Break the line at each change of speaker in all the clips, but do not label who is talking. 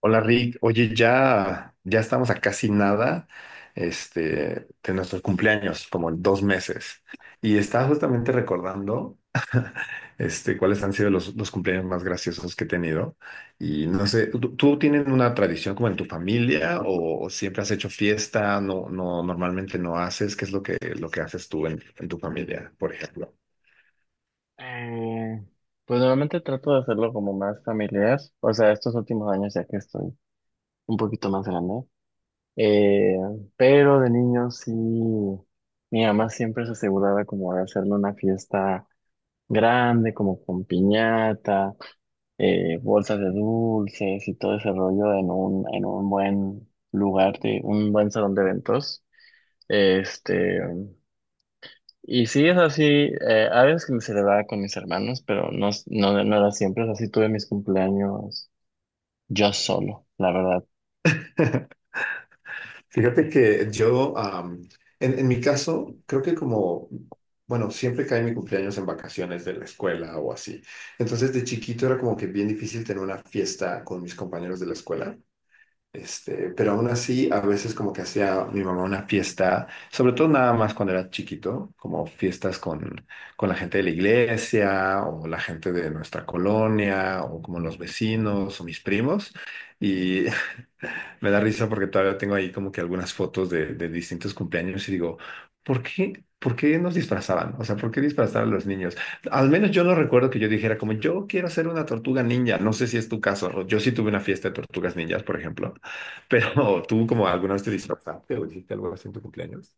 Hola Rick, oye, ya, ya estamos a casi nada, de nuestros cumpleaños, como en 2 meses. Y estaba justamente recordando, cuáles han sido los cumpleaños más graciosos que he tenido. Y no sé, ¿tú tienes una tradición como en tu familia o siempre has hecho fiesta? No, no, normalmente no haces. ¿Qué es lo que haces tú en tu familia, por ejemplo?
Eh, pues normalmente trato de hacerlo como más familiar, o sea, estos últimos años ya que estoy un poquito más grande, eh, pero de niño sí, mi mamá siempre se aseguraba como de hacerle una fiesta grande, como con piñata, bolsas de dulces y todo ese rollo en un buen lugar, de, un buen salón de eventos. Este, y sí, es así, a veces que me celebraba con mis hermanos, pero no, no, no era siempre, así tuve mis cumpleaños yo solo, la verdad.
Fíjate que yo, en mi caso, creo que como, bueno, siempre cae mi cumpleaños en vacaciones de la escuela o así. Entonces, de chiquito era como que bien difícil tener una fiesta con mis compañeros de la escuela. Pero aún así, a veces como que hacía mi mamá una fiesta, sobre todo nada más cuando era chiquito, como fiestas con la gente de la iglesia o la gente de nuestra colonia o como los vecinos o mis primos. Y me da risa porque todavía tengo ahí como que algunas fotos de distintos cumpleaños y digo, ¿por qué nos disfrazaban? O sea, ¿por qué disfrazar a los niños? Al menos yo no recuerdo que yo dijera como, yo quiero ser una tortuga ninja. No sé si es tu caso. Yo sí tuve una fiesta de tortugas ninjas, por ejemplo. Pero tú como alguna vez te disfrazaste o hiciste algo así en tu cumpleaños.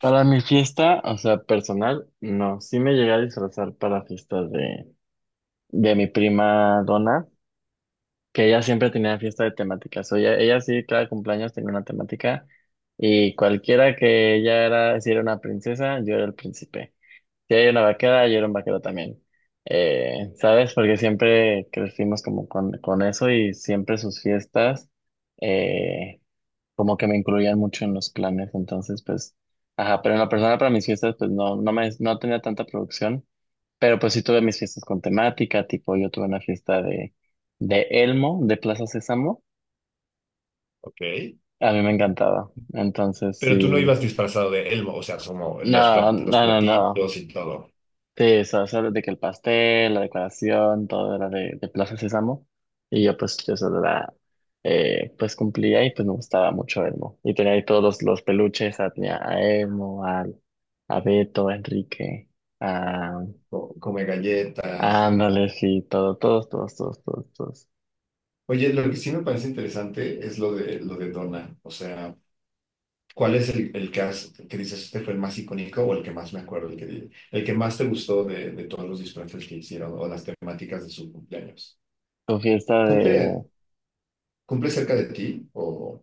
Para mi fiesta, o sea, personal, no, sí me llegué a disfrazar para fiestas de mi prima Donna, que ella siempre tenía fiesta de temáticas, o ella sí, cada cumpleaños tenía una temática, y cualquiera que ella era, si era una princesa, yo era el príncipe. Sí, hay una vaquera y era un vaquero también. ¿Sabes? Porque siempre crecimos como con eso y siempre sus fiestas eh, como que me incluían mucho en los planes. Entonces, pues, ajá, pero en la persona para mis fiestas, pues no, no tenía tanta producción, pero pues sí tuve mis fiestas con temática, tipo yo tuve una fiesta de Elmo, de Plaza Sésamo.
Ok.
A mí me encantaba. Entonces,
Pero tú no
sí.
ibas disfrazado de Elmo, o sea, como los,
No,
los
no, no, no.
platitos y todo,
Sí, eso de que el pastel, la decoración, todo era de Plaza Sésamo. Y yo pues pues cumplía y pues me gustaba mucho Elmo. Y tenía ahí los peluches, ah, tenía a Elmo, al, a Beto, a Enrique, a,
come galletas.
a Ándale, sí, todo, todos, todos, todos, todos, todos.
Oye, lo que sí me parece interesante es lo de Donna, o sea. ¿Cuál es el que, que dices este fue el más icónico o el que más me acuerdo, el que más te gustó de todos los disfraces que hicieron o las temáticas de su cumpleaños?
Tu fiesta
¿Cumple,
de,
cumple cerca de ti o...?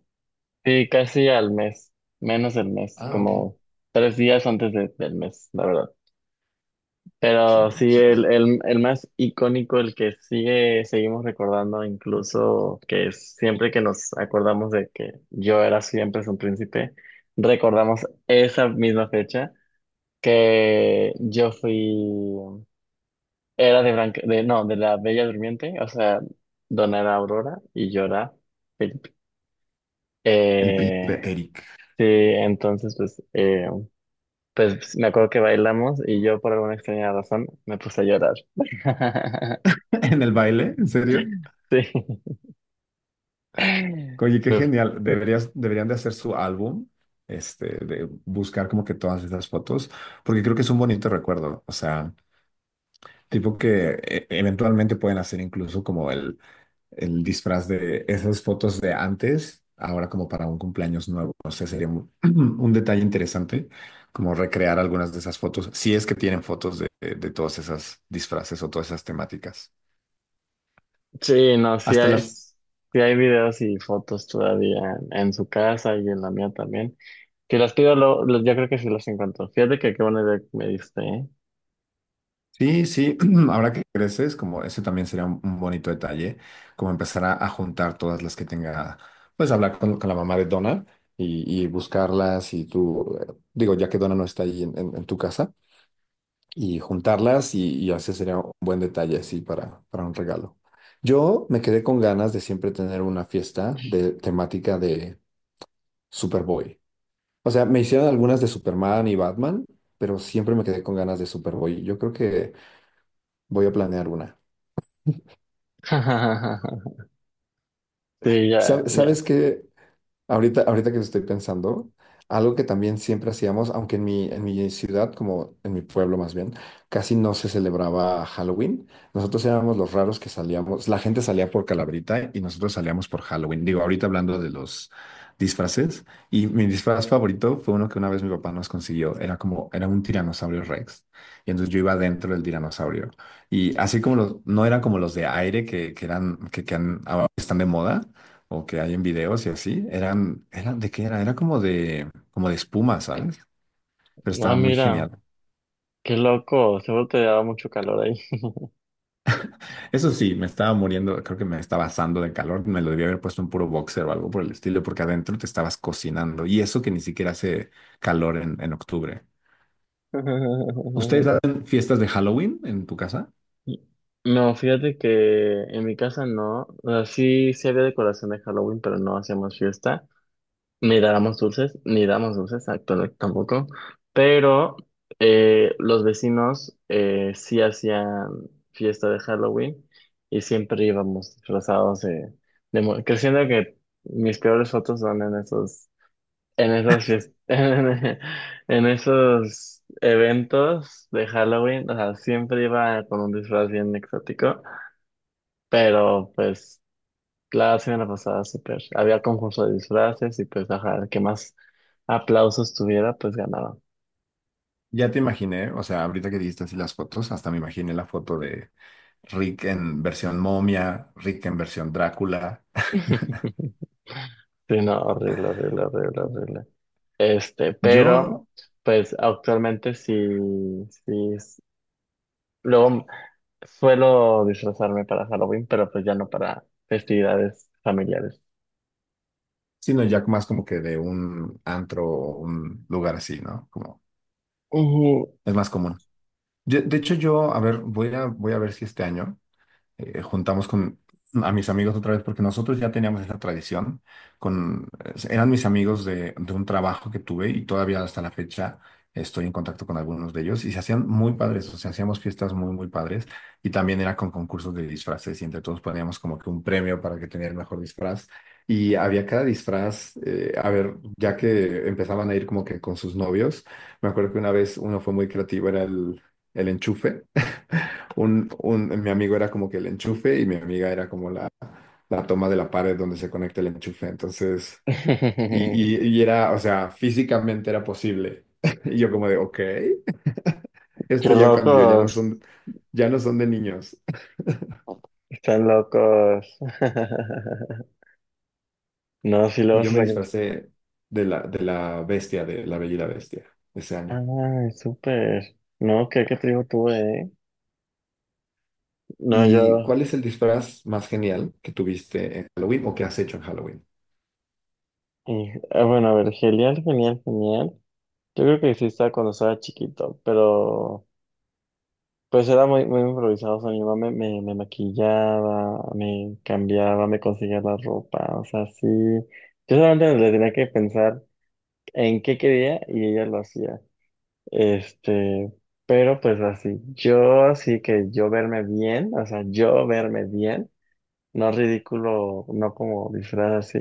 sí, casi al mes, menos del mes,
Ah, ok.
como tres días del mes, la verdad. Pero
Súper,
sí,
súper cerca.
el más icónico, el que seguimos recordando, incluso que siempre que nos acordamos de que yo era siempre un príncipe, recordamos esa misma fecha que yo fui, era de Blanca, de, no, de la Bella Durmiente, o sea, Dona era Aurora y yo era Felipe.
El príncipe
Eh,
Eric.
sí, entonces pues, pues me acuerdo que bailamos y yo por alguna extraña razón me puse a llorar.
¿En el baile? ¿En serio?
Sí.
Oye, qué
Uf.
genial. Deberían de hacer su álbum, de buscar como que todas esas fotos, porque creo que es un bonito recuerdo. O sea, tipo que eventualmente pueden hacer incluso como el disfraz de esas fotos de antes, ahora como para un cumpleaños nuevo. No sé, sería un, un detalle interesante, como recrear algunas de esas fotos, si es que tienen fotos de todas esas disfraces o todas esas temáticas.
Sí, no,
Hasta la...
sí hay videos y fotos todavía en su casa y en la mía también. Si las pido, yo creo que sí las encuentro. Fíjate que qué buena idea que me diste, ¿eh?
Sí, sí, ahora que creces, como ese también sería un bonito detalle, como empezar a juntar todas las que tenga, pues hablar con la mamá de Donna y buscarlas y tú, digo, ya que Donna no está ahí en tu casa y juntarlas y así sería un buen detalle así para un regalo. Yo me quedé con ganas de siempre tener una fiesta de temática de Superboy. O sea, me hicieron algunas de Superman y Batman, pero siempre me quedé con ganas de Superboy. Yo creo que voy a planear una.
Sí, ya, ya.
¿Sabes qué? Ahorita que estoy pensando, algo que también siempre hacíamos, aunque en mi ciudad, como en mi pueblo más bien, casi no se celebraba Halloween. Nosotros éramos los raros que salíamos, la gente salía por Calabrita y nosotros salíamos por Halloween. Digo, ahorita hablando de los disfraces, y mi disfraz favorito fue uno que una vez mi papá nos consiguió, era como, era un tiranosaurio Rex, y entonces yo iba dentro del tiranosaurio. Y así como los, no eran como los de aire que eran, ahora están de moda o que hay en videos y así, eran, ¿de qué era? Era como de espuma, ¿sabes? Pero
Ah,
estaba muy
mira,
genial.
qué loco, seguro te daba mucho calor ahí.
Eso sí, me estaba muriendo, creo que me estaba asando de calor, me lo debía haber puesto un puro boxer o algo por el estilo, porque adentro te estabas cocinando y eso que ni siquiera hace calor en octubre. ¿Ustedes hacen fiestas de Halloween en tu casa?
No, fíjate que en mi casa no, o sea, sí, sí había decoración de Halloween, pero no hacíamos fiesta. Ni dábamos dulces, ni damos dulces, exacto, no, tampoco. Pero los vecinos sí hacían fiesta de Halloween y siempre íbamos disfrazados de, que siento que mis peores fotos son en esos, en esos fies- en, esos eventos de Halloween. O sea, siempre iba con un disfraz bien exótico, pero pues claro, la semana pasada, súper. Había concurso de disfraces y pues, ajá, el que más aplausos tuviera, pues ganaba.
Ya te imaginé, o sea, ahorita que dijiste así las fotos, hasta me imaginé la foto de Rick en versión momia, Rick en versión Drácula.
Sí, no, horrible, horrible, horrible, horrible. Este, pero,
Yo
pues actualmente sí, sí. es- luego suelo disfrazarme para Halloween, pero pues ya no para festividades familiares.
sino ya más como que de un antro o un lugar así, ¿no? Como
Ujú.
es más común. De hecho, yo, a ver, voy a ver si este año juntamos con a mis amigos otra vez porque nosotros ya teníamos esa tradición con eran mis amigos de un trabajo que tuve y todavía hasta la fecha estoy en contacto con algunos de ellos y se hacían muy padres, o sea, hacíamos fiestas muy muy padres y también era con concursos de disfraces y entre todos poníamos como que un premio para que tenía el mejor disfraz. Y había cada disfraz, a ver, ya que empezaban a ir como que con sus novios, me acuerdo que una vez uno fue muy creativo, era el enchufe. Mi amigo era como que el enchufe y mi amiga era como la toma de la pared donde se conecta el enchufe. Entonces, y era, o sea, físicamente era posible. Y yo como de, ok,
Qué
esto ya cambió,
locos,
ya no son de niños.
están locos. No, sí,
Y
luego
yo
se
me
sacan.
disfracé de la bestia, de la Bella y la Bestia, ese año.
Ah, súper. No, qué, qué trigo tuve, ¿eh? No,
¿Y
yo.
cuál es el disfraz más genial que tuviste en Halloween o que has hecho en Halloween?
Bueno, a ver, genial, genial, genial. Yo creo que existía cuando estaba chiquito, pero pues era muy, muy improvisado. O sea, mi mamá me maquillaba, me cambiaba, me conseguía la ropa. O sea, sí. Yo solamente le tenía que pensar en qué quería y ella lo hacía. Este, pero pues así. Yo así que yo verme bien, o sea, yo verme bien, no ridículo, no como disfraz así.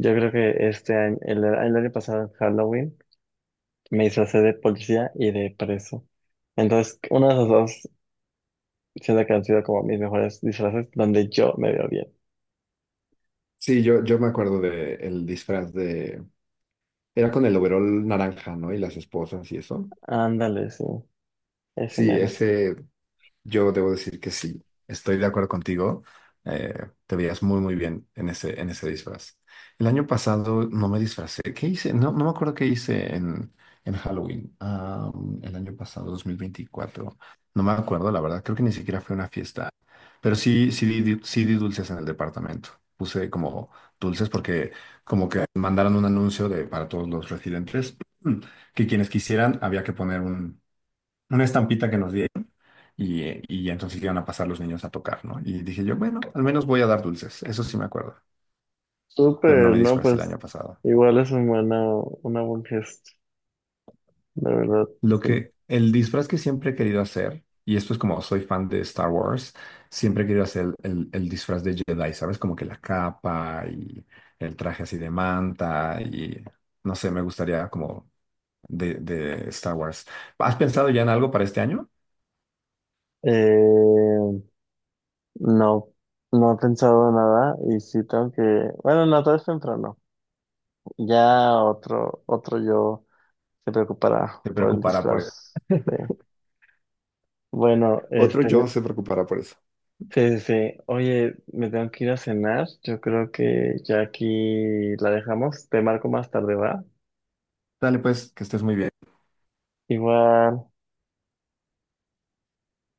Yo creo que el año pasado en Halloween, me disfracé de policía y de preso. Entonces, uno de esos dos siento que han sido como mis mejores disfraces donde yo me veo bien.
Sí, yo me acuerdo de el disfraz de... Era con el overol naranja, ¿no? Y las esposas y eso.
Ándale, sí, ese
Sí,
mero.
ese yo debo decir que sí, estoy de acuerdo contigo. Eh, te veías muy, muy bien en ese disfraz. El año pasado no me disfracé. ¿Qué hice? No, no me acuerdo qué hice en Halloween. Ah, el año pasado, 2024. No me acuerdo, la verdad. Creo que ni siquiera fue una fiesta. Pero sí, sí, sí di dulces en el departamento. Puse como dulces porque como que mandaron un anuncio de, para todos los residentes que quienes quisieran había que poner una estampita que nos diera y ya entonces iban a pasar los niños a tocar, ¿no? Y dije yo, bueno, al menos voy a dar dulces, eso sí me acuerdo, pero no
Súper,
me
¿no?
disfracé el
Pues
año pasado.
igual es una buen gesto, de verdad,
Lo
sí.
que, el disfraz que siempre he querido hacer, y esto es como soy fan de Star Wars, siempre he querido hacer el disfraz de Jedi, ¿sabes? Como que la capa y el traje así de manta y no sé, me gustaría como de Star Wars. ¿Has pensado ya en algo para este año?
Eh, no, no he pensado nada y sí tengo que, bueno, no, todo es temprano. Ya otro yo se preocupará
¿Te
por el
preocupará por eso?
disfraz. Sí. Bueno,
Otro yo se preocupará por eso.
sí, sí, sí. Oye, me tengo que ir a cenar. Yo creo que ya aquí la dejamos. Te marco más tarde, ¿va?
Dale pues, que estés muy bien.
Igual.